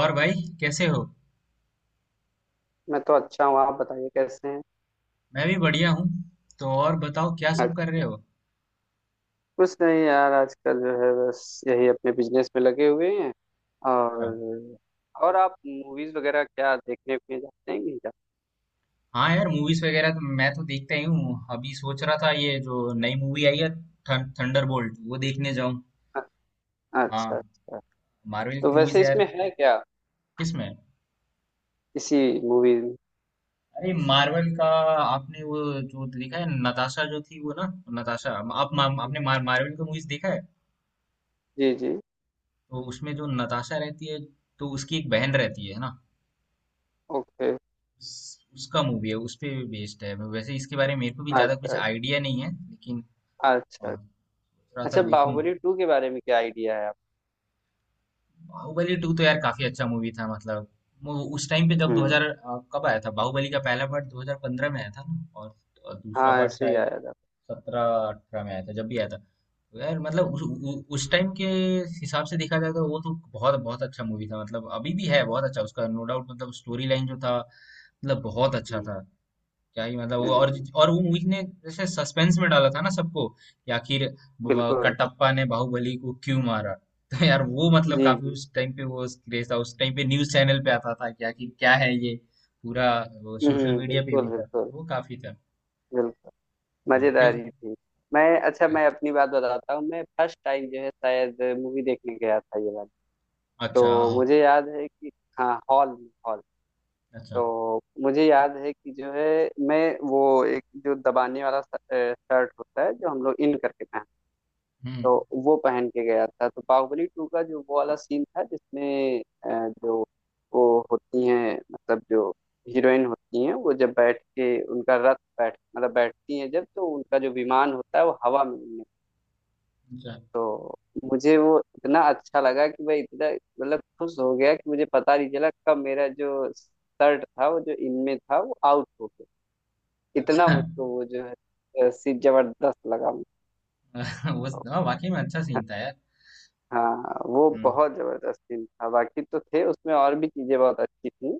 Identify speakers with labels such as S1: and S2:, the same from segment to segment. S1: और भाई, कैसे हो।
S2: मैं तो अच्छा हूँ। आप बताइए, कैसे हैं।
S1: मैं भी बढ़िया हूँ। तो और बताओ, क्या सब कर रहे
S2: अच्छा।
S1: हो।
S2: कुछ नहीं यार, आजकल जो है बस यही अपने बिजनेस में लगे हुए हैं।
S1: अच्छा।
S2: और। और आप मूवीज वगैरह क्या देखने में जाते हैं कि नहीं जाते?
S1: हाँ यार, मूवीज वगैरह तो मैं तो देखता ही हूँ। अभी सोच रहा था ये जो नई मूवी आई है, थंडरबोल्ट, वो देखने जाऊँ।
S2: अ- अच्छा
S1: हाँ।
S2: अच्छा।
S1: मार्वल की
S2: तो
S1: मूवीज
S2: वैसे
S1: है यार।
S2: इसमें है क्या,
S1: किसमें?
S2: इसी मूवी में।
S1: अरे, मार्वल का आपने वो जो देखा है, नताशा जो थी वो ना। नताशा।
S2: जी,
S1: मार्वल का मूवीज देखा है?
S2: जी जी।
S1: तो उसमें जो नताशा रहती है, तो उसकी एक बहन रहती है ना।
S2: ओके।
S1: उसका मूवी है, उस पे बेस्ड है। वैसे इसके बारे में मेरे को भी ज्यादा कुछ
S2: अच्छा
S1: आइडिया नहीं है, लेकिन।
S2: अच्छा।
S1: और थोड़ा सा
S2: अच्छा,
S1: देखूं।
S2: बाहुबली टू के बारे में क्या आइडिया है आप।
S1: बाहुबली टू तो यार काफी अच्छा मूवी था, मतलब। वो उस टाइम पे जब
S2: हम्म।
S1: 2000, कब आया था बाहुबली का पहला पार्ट, 2015 में आया था ना। और दूसरा
S2: हाँ,
S1: पार्ट
S2: ऐसे ही
S1: शायद
S2: आया था।
S1: 17, 18 में आया था, जब भी आया था। तो यार, मतलब उस टाइम के हिसाब से देखा जाए, तो वो तो बहुत बहुत अच्छा मूवी था। मतलब अभी भी है बहुत अच्छा उसका, नो डाउट। मतलब स्टोरी लाइन जो था, मतलब बहुत अच्छा
S2: हम्म
S1: था। क्या ही मतलब। वो और
S2: हम्म।
S1: और वो, मूवी ने जैसे सस्पेंस में डाला था ना सबको कि आखिर
S2: बिल्कुल।
S1: कटप्पा ने बाहुबली को क्यों मारा। तो यार वो मतलब
S2: जी
S1: काफी,
S2: जी।
S1: उस टाइम पे वो क्रेज था। उस टाइम पे न्यूज चैनल पे आता था कि आखिर क्या है ये पूरा। वो सोशल
S2: हम्म।
S1: मीडिया पे
S2: बिल्कुल
S1: भी था,
S2: बिल्कुल।
S1: तो वो काफी था।
S2: बिल्कुल
S1: तो क्यों।
S2: मजेदार ही थी। मैं अच्छा, मैं अपनी बात बताता हूँ। मैं फर्स्ट टाइम जो है शायद मूवी देखने गया था ये वाली।
S1: अच्छा।
S2: तो
S1: हाँ,
S2: मुझे याद है कि हाँ, हॉल में हॉल।
S1: अच्छा।
S2: तो मुझे याद है कि जो है मैं वो एक जो दबाने वाला शर्ट होता है जो हम लोग इन करके पहनते हैं।
S1: हम्म।
S2: तो वो पहन के गया था। तो बाहुबली टू का जो वो वाला सीन था जिसमें जो वो होती हैं मतलब जो हीरोइन होती हैं वो जब बैठ के उनका रथ, बैठ मतलब बैठती हैं जब तो उनका जो विमान होता है वो हवा में उड़ने।
S1: अच्छा।
S2: तो मुझे वो इतना अच्छा लगा कि मैं इतना मतलब खुश हो गया कि मुझे पता नहीं चला कब मेरा जो शर्ट था वो जो इनमें था वो आउट हो गया। इतना
S1: अच्छा।
S2: मुझको वो जो है सीन जबरदस्त लगा मुझको।
S1: वो, हाँ, वाकई में अच्छा सीन था यार।
S2: हाँ, वो
S1: हम्म।
S2: बहुत जबरदस्त सीन था। बाकी तो थे, उसमें और भी चीजें बहुत अच्छी थी,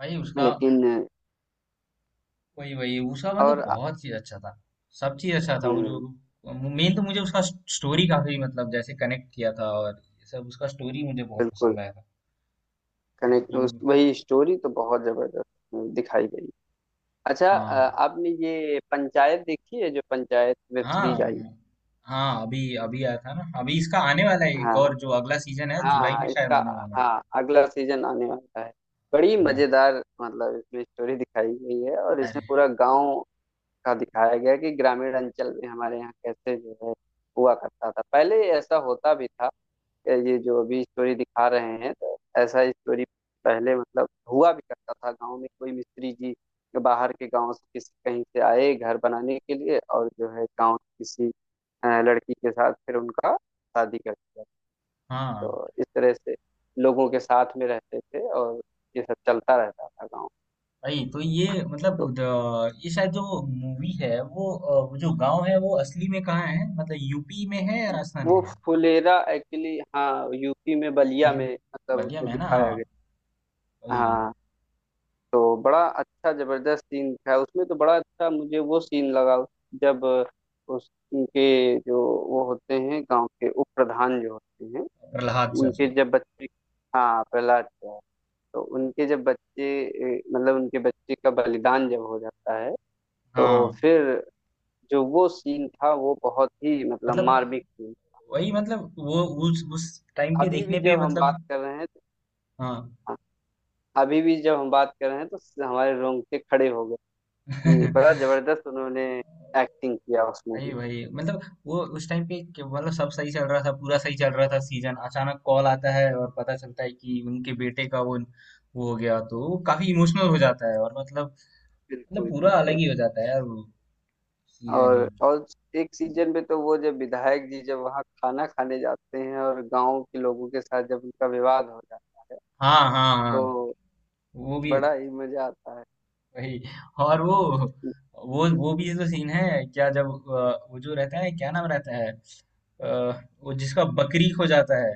S1: भाई उसका,
S2: लेकिन।
S1: वही वही उसका, मतलब,
S2: और।
S1: बहुत चीज अच्छा था। सब चीज अच्छा था वो
S2: हम्म।
S1: जो। मेन तो मुझे उसका स्टोरी काफी, मतलब, जैसे कनेक्ट किया था, और ये सब उसका स्टोरी मुझे बहुत
S2: बिल्कुल।
S1: पसंद आया था।
S2: कनेक्ट उस
S1: एक्टिंग।
S2: वही स्टोरी तो बहुत जबरदस्त उसमें दिखाई गई। अच्छा।
S1: हाँ।
S2: आपने ये पंचायत देखी है, जो पंचायत वेब सीरीज आई।
S1: हाँ हाँ, अभी अभी आया था ना, अभी इसका आने वाला है एक
S2: हाँ
S1: और, जो अगला सीजन है
S2: हाँ,
S1: जुलाई
S2: हाँ
S1: में शायद
S2: इसका,
S1: आने वाला है।
S2: हाँ अगला सीजन आने वाला है। बड़ी
S1: वो।
S2: मजेदार। मतलब इसमें स्टोरी दिखाई गई है, और इसमें
S1: अरे।
S2: पूरा गांव का दिखाया गया है कि ग्रामीण अंचल में हमारे यहाँ कैसे जो है हुआ करता था पहले, ऐसा होता भी था। ये जो अभी स्टोरी दिखा रहे हैं तो ऐसा स्टोरी पहले मतलब हुआ भी करता था। गांव में कोई मिस्त्री जी बाहर के गांव से किसी कहीं से आए घर बनाने के लिए, और जो है गांव की किसी लड़की के साथ फिर उनका शादी कर दिया।
S1: हाँ
S2: तो इस तरह से लोगों के साथ में रहते थे, और ये सब चलता रहता था गांव।
S1: भाई, तो ये, मतलब
S2: तो
S1: ये शायद जो मूवी है वो, वो जो गांव है वो असली में कहाँ है, मतलब यूपी में है या राजस्थान में
S2: वो
S1: है?
S2: फुलेरा एक्चुअली, हाँ यूपी में बलिया
S1: यू,
S2: में मतलब
S1: बलिया
S2: उसमें
S1: में है ना।
S2: दिखाया गया।
S1: हाँ।
S2: हाँ। तो बड़ा अच्छा जबरदस्त सीन था उसमें, तो बड़ा अच्छा मुझे वो सीन लगा। जब उस उनके जो वो होते हैं गांव के उप प्रधान जो होते हैं,
S1: प्रहलाद
S2: उनके
S1: चाचा।
S2: जब बच्चे, हाँ प्रहलाद का, तो उनके जब बच्चे मतलब उनके बच्चे का बलिदान जब हो जाता है, तो
S1: हाँ,
S2: फिर जो वो सीन था वो बहुत ही मतलब
S1: मतलब
S2: मार्मिक सीन।
S1: वही, मतलब। वो उस टाइम पे
S2: अभी भी
S1: देखने पे,
S2: जब हम
S1: मतलब।
S2: बात कर रहे हैं तो-
S1: हाँ।
S2: अभी भी जब हम बात कर रहे हैं तो हमारे रोंगटे खड़े हो। ये बड़ा जबरदस्त उन्होंने एक्टिंग किया उस
S1: वही
S2: मूवी में।
S1: वही, मतलब। वो उस टाइम पे, कि मतलब सब सही चल रहा था, पूरा सही चल रहा था सीजन, अचानक कॉल आता है और पता चलता है कि उनके बेटे का, वो हो गया। तो वो काफी इमोशनल हो जाता है, और, मतलब, मतलब
S2: बिल्कुल
S1: पूरा अलग
S2: बिल्कुल।
S1: ही हो जाता है यार वो सीजन ही।
S2: और। और एक सीजन में तो वो जब विधायक जी जब वहाँ खाना खाने जाते हैं और गांव के लोगों के साथ जब उनका विवाद हो जाता है,
S1: हाँ हाँ हाँ।
S2: तो
S1: वो भी।
S2: बड़ा ही मजा आता है।
S1: वही। और वो, वो भी तो सीन है क्या, जब, वो जो रहता है, क्या नाम रहता है, वो जिसका बकरी खो जाता है,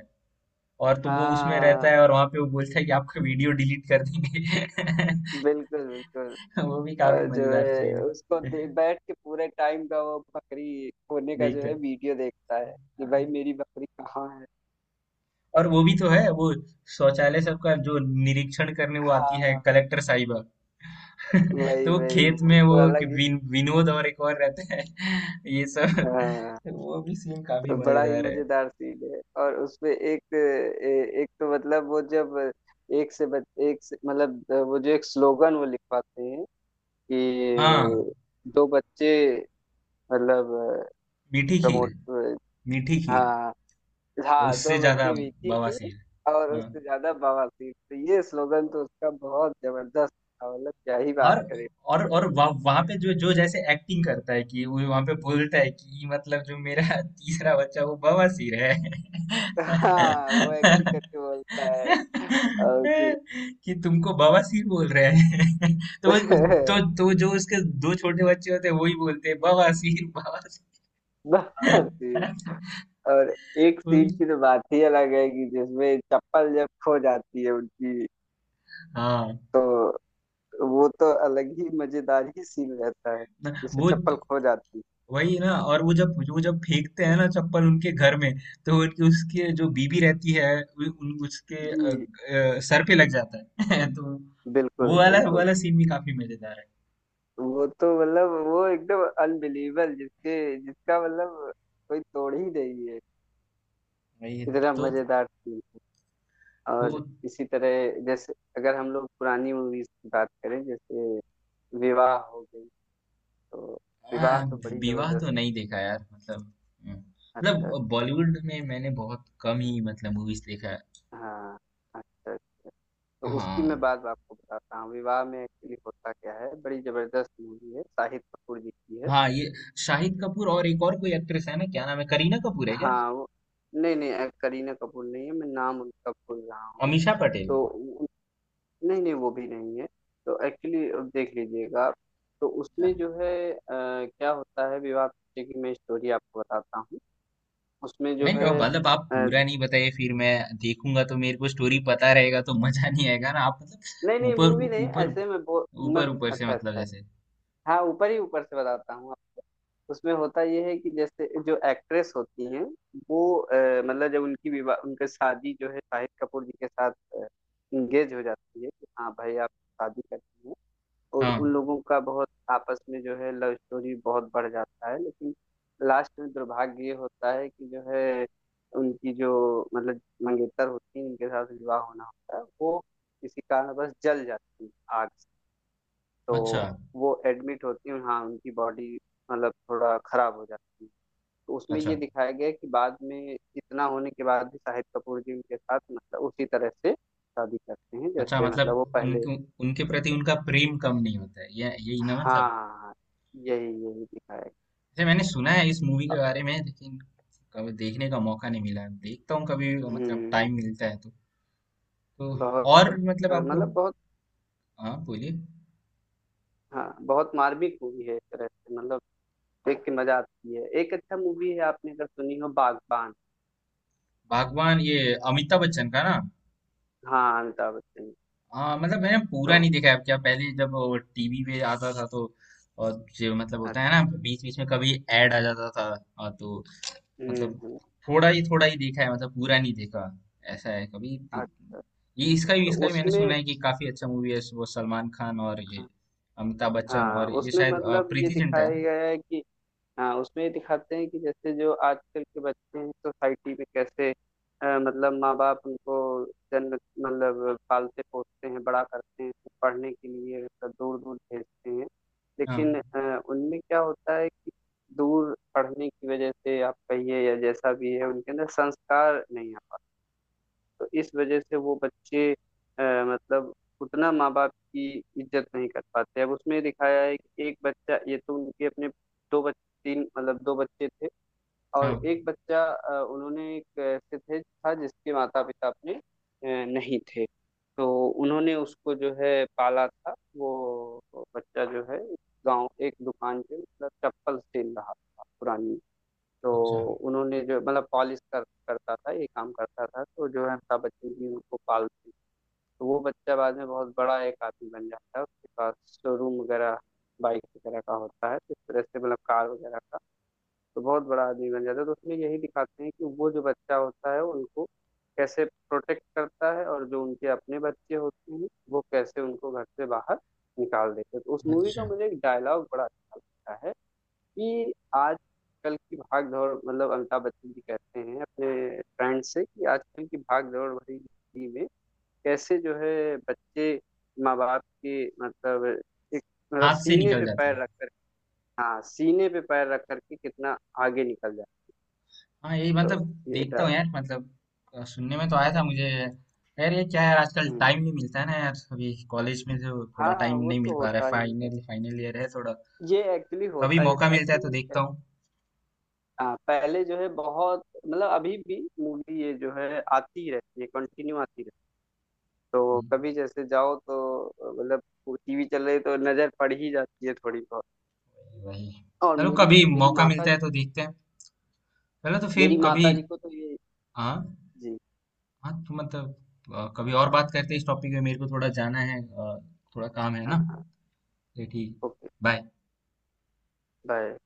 S1: और, तो वो उसमें
S2: हाँ,
S1: रहता है और वहां पे वो बोलता है कि आपका वीडियो डिलीट कर देंगे।
S2: बिल्कुल बिल्कुल।
S1: वो भी काफी
S2: और जो
S1: मजेदार
S2: है
S1: सीन
S2: उसको
S1: है।
S2: बैठ के पूरे टाइम का वो बकरी खोने का जो
S1: देखते
S2: है
S1: हैं।
S2: वीडियो देखता है कि भाई
S1: हाँ।
S2: मेरी बकरी कहाँ है।
S1: और वो भी तो है वो, शौचालय सबका जो निरीक्षण करने वो आती है,
S2: हाँ
S1: कलेक्टर साहिबा।
S2: वही
S1: तो वो
S2: वही,
S1: खेत
S2: वो
S1: में वो,
S2: तो
S1: कि
S2: अलग ही।
S1: विनोद और एक और रहते हैं। ये सब।
S2: हाँ,
S1: वो भी सीन काफी
S2: तो बड़ा ही
S1: मजेदार है।
S2: मजेदार सीन है। और उसपे एक तो मतलब वो जब एक से मतलब वो जो एक स्लोगन वो लिखवाते हैं
S1: हाँ।
S2: कि दो बच्चे मतलब
S1: मीठी खीर।
S2: प्रमोट।
S1: मीठी खीर।
S2: हाँ हाँ, दो
S1: उससे ज्यादा
S2: बच्चे विकी की,
S1: बवासीर।
S2: और
S1: हाँ।
S2: उससे ज्यादा बवासीर। तो ये स्लोगन तो उसका बहुत जबरदस्त था, मतलब क्या ही बात
S1: और
S2: करें।
S1: और वहां पे जो जो, जैसे एक्टिंग करता है कि वो वहां पे बोलता है कि मतलब जो मेरा तीसरा बच्चा वो बवासीर है,
S2: हाँ, वो एक्टिंग करके बोलता है, और कि
S1: कि तुमको बवासीर बोल रहे हैं। तो वो, तो तो जो उसके दो छोटे बच्चे होते हैं, वही बोलते हैं, बवासीर बवासीर।
S2: बवासीर। और एक
S1: वो भी।
S2: सीट की तो बात ही अलग है कि जिसमें चप्पल जब खो जाती है उनकी,
S1: हाँ।
S2: तो वो तो अलग ही मजेदार ही सीन रहता है, जिसमें
S1: वो,
S2: चप्पल खो जाती है।
S1: वही ना। और वो, जब वो जब फेंकते हैं ना चप्पल उनके घर में, तो उनकी उसके जो बीबी रहती है, उन उसके
S2: जी।
S1: सर पे लग जाता है। तो
S2: बिल्कुल
S1: वो
S2: बिल्कुल।
S1: वाला सीन भी काफी मजेदार है।
S2: वो तो मतलब वो एकदम अनबिलीवेबल, जिसके जिसका मतलब कोई तोड़ ही नहीं है।
S1: वही।
S2: इतना
S1: तो
S2: मजेदार सीन।
S1: वो।
S2: और इसी तरह जैसे अगर हम लोग पुरानी मूवीज की बात करें, जैसे विवाह, हो गई, तो
S1: आ,
S2: विवाह तो बड़ी
S1: विवाह
S2: जबरदस्त।
S1: तो नहीं देखा यार, मतलब,
S2: अच्छा।
S1: मतलब बॉलीवुड में मैंने बहुत कम ही, मतलब, मूवीज देखा है।
S2: हाँ। अच्छा। तो उसकी मैं
S1: हाँ।
S2: बात आपको बताता हूँ। विवाह में एक्चुअली होता क्या है, बड़ी जबरदस्त मूवी है, शाहिद कपूर जी की है।
S1: हाँ, ये शाहिद कपूर और एक और कोई एक्ट्रेस है ना, क्या नाम है, करीना कपूर है क्या?
S2: हाँ वो। नहीं नहीं, करीना कपूर नहीं है, मैं नाम उनका भूल रहा हूँ।
S1: अमीषा पटेल?
S2: तो उ- नहीं नहीं, वो भी नहीं है। तो एक्चुअली देख लीजिएगा आप। तो उसमें जो है क्या होता है, विवाह पीछे की मैं स्टोरी आपको बताता हूँ। उसमें जो
S1: नहीं, वो
S2: है
S1: मतलब आप पूरा नहीं बताइए, फिर मैं देखूंगा तो मेरे को स्टोरी पता रहेगा तो मजा नहीं आएगा ना। आप
S2: नहीं
S1: मतलब
S2: नहीं,
S1: ऊपर
S2: मूवी नहीं
S1: ऊपर
S2: ऐसे में बो, मैं,
S1: ऊपर, ऊपर से,
S2: अच्छा
S1: मतलब,
S2: अच्छा,
S1: जैसे।
S2: हाँ ऊपर ही ऊपर से बताता हूँ। उसमें होता ये है कि जैसे जो एक्ट्रेस होती हैं वो मतलब जब उनकी विवाह उनकी शादी जो है शाहिद कपूर जी के साथ इंगेज हो जाती है कि हाँ भाई आप शादी करती हैं, और उन
S1: हाँ।
S2: लोगों का बहुत आपस में जो है लव स्टोरी बहुत बढ़ जाता है, लेकिन लास्ट में दुर्भाग्य ये होता है कि जो है उनकी जो मतलब मंगेतर होती है, उनके साथ विवाह होना होता है वो, किसी कारणवश जल जाती है आग से।
S1: अच्छा।
S2: तो वो एडमिट होती है, हाँ उनकी बॉडी मतलब थोड़ा खराब हो जाती है। तो उसमें ये
S1: अच्छा।
S2: दिखाया गया है कि बाद में इतना होने के बाद भी शाहिद कपूर जी उनके साथ मतलब उसी तरह से शादी करते हैं,
S1: अच्छा,
S2: जैसे मतलब वो
S1: मतलब
S2: पहले।
S1: उनके, उनके प्रति उनका प्रेम कम नहीं होता है, ये यही ना, मतलब।
S2: हाँ यही यही दिखाया गया।
S1: जैसे मैंने सुना है इस मूवी के बारे में, लेकिन कभी देखने का मौका नहीं मिला। देखता हूँ कभी, मतलब
S2: हम्म।
S1: टाइम मिलता है तो। तो,
S2: बहुत,
S1: और मतलब आपको।
S2: मतलब बहुत,
S1: हाँ, बोलिए।
S2: हाँ बहुत मार्मिक मूवी है, एक तरह से मतलब देख के मजा आती है। एक अच्छा मूवी है आपने अगर सुनी हो, बागबान।
S1: भगवान, ये अमिताभ बच्चन का ना।
S2: हाँ, अमिताभ बच्चन।
S1: हाँ, मतलब मैंने पूरा
S2: तो।
S1: नहीं देखा है, क्या पहले जब टीवी पे आता था तो, और जो मतलब होता है ना बीच बीच में कभी ऐड आ जाता था। हाँ, तो, मतलब
S2: हम्म।
S1: थोड़ा ही देखा है, मतलब पूरा नहीं देखा ऐसा है कभी।
S2: अच्छा।
S1: ये, इसका भी
S2: तो
S1: इसका भी मैंने सुना
S2: उसमें,
S1: है कि काफी अच्छा मूवी है वो, सलमान खान और ये अमिताभ बच्चन
S2: हाँ
S1: और ये
S2: उसमें
S1: शायद,
S2: मतलब ये
S1: प्रीति जिंटा है
S2: दिखाया
S1: ना?
S2: गया है कि, हाँ उसमें ये दिखाते हैं कि जैसे जो आजकल के बच्चे हैं सोसाइटी में कैसे, मतलब माँ बाप उनको जन्म मतलब पालते पोसते हैं, बड़ा करते हैं, पढ़ने के लिए दूर दूर भेजते हैं।
S1: हाँ।
S2: लेकिन उनमें क्या होता है कि दूर पढ़ने की वजह से आप कहिए या जैसा भी है, उनके अंदर संस्कार नहीं आता। तो इस वजह से वो बच्चे मतलब उतना माँ बाप की इज्जत नहीं कर पाते। अब उसमें दिखाया है कि एक बच्चा, ये तो उनके अपने दो बच्चे, तीन मतलब दो बच्चे थे, और
S1: हाँ।
S2: एक बच्चा उन्होंने, एक ऐसे थे था जिसके माता पिता अपने नहीं थे। तो उन्होंने उसको जो है पाला था। वो बच्चा जो है गांव एक दुकान पे मतलब चप्पल सेल रहा था पुरानी। तो
S1: अच्छा।
S2: उन्होंने जो मतलब पॉलिश कर करता था, ये काम करता था, तो जो है अमिताभ बच्चन जी उनको पालते हैं। तो वो बच्चा बाद में बहुत बड़ा एक आदमी बन जाता है, उसके पास शोरूम वगैरह बाइक वगैरह का होता है, तो इस तरह से मतलब कार वगैरह का, तो बहुत बड़ा आदमी बन जाता है। तो उसमें यही दिखाते हैं कि वो जो बच्चा होता है उनको कैसे प्रोटेक्ट करता है, और जो उनके अपने बच्चे होते हैं वो कैसे उनको घर से बाहर निकाल देते हैं। तो उस मूवी का
S1: अच्छा।
S2: मुझे एक डायलॉग बड़ा अच्छा लगता है कि आजकल की भाग दौड़, मतलब अमिताभ बच्चन जी कहते हैं अपने फ्रेंड से कि आजकल की भाग दौड़ भरी जिंदगी में कैसे जो है बच्चे माँ बाप के मतलब एक, मतलब
S1: हाथ से
S2: सीने
S1: निकल
S2: पे
S1: जाता है।
S2: पैर रख कर, हाँ सीने पे पैर रख करके कितना आगे निकल जाए।
S1: हाँ यही,
S2: तो
S1: मतलब।
S2: ये
S1: देखता
S2: डर।
S1: हूँ यार, मतलब, सुनने में तो आया था मुझे। यार ये क्या यार, आजकल
S2: हम्म।
S1: टाइम नहीं मिलता है ना यार। अभी कॉलेज में तो थोड़ा
S2: हाँ
S1: टाइम
S2: वो
S1: नहीं
S2: तो
S1: मिल पा रहा है,
S2: होता ही है।
S1: फाइनल फाइनल ईयर है थोड़ा।
S2: ये एक्चुअली
S1: कभी
S2: होता ये
S1: मौका
S2: था
S1: मिलता है तो
S2: कि
S1: देखता हूँ।
S2: हाँ पहले जो है बहुत मतलब अभी भी मूवी ये जो है आती रहती है, कंटिन्यू आती रहती है। तो
S1: हम्म,
S2: कभी जैसे जाओ तो मतलब टीवी चल रही तो नजर पड़ ही जाती है थोड़ी बहुत।
S1: वही।
S2: और
S1: चलो,
S2: मेरी
S1: कभी मौका मिलता है तो देखते हैं। चलो, तो फिर
S2: मेरी
S1: कभी।
S2: माता जी को तो ये।
S1: हाँ
S2: जी।
S1: हाँ, तो मतलब कभी और बात करते हैं इस टॉपिक में। मेरे को थोड़ा जाना है, थोड़ा काम है
S2: हाँ
S1: ना।
S2: हाँ।
S1: तो ठीक।
S2: ओके।
S1: बाय।
S2: बाय।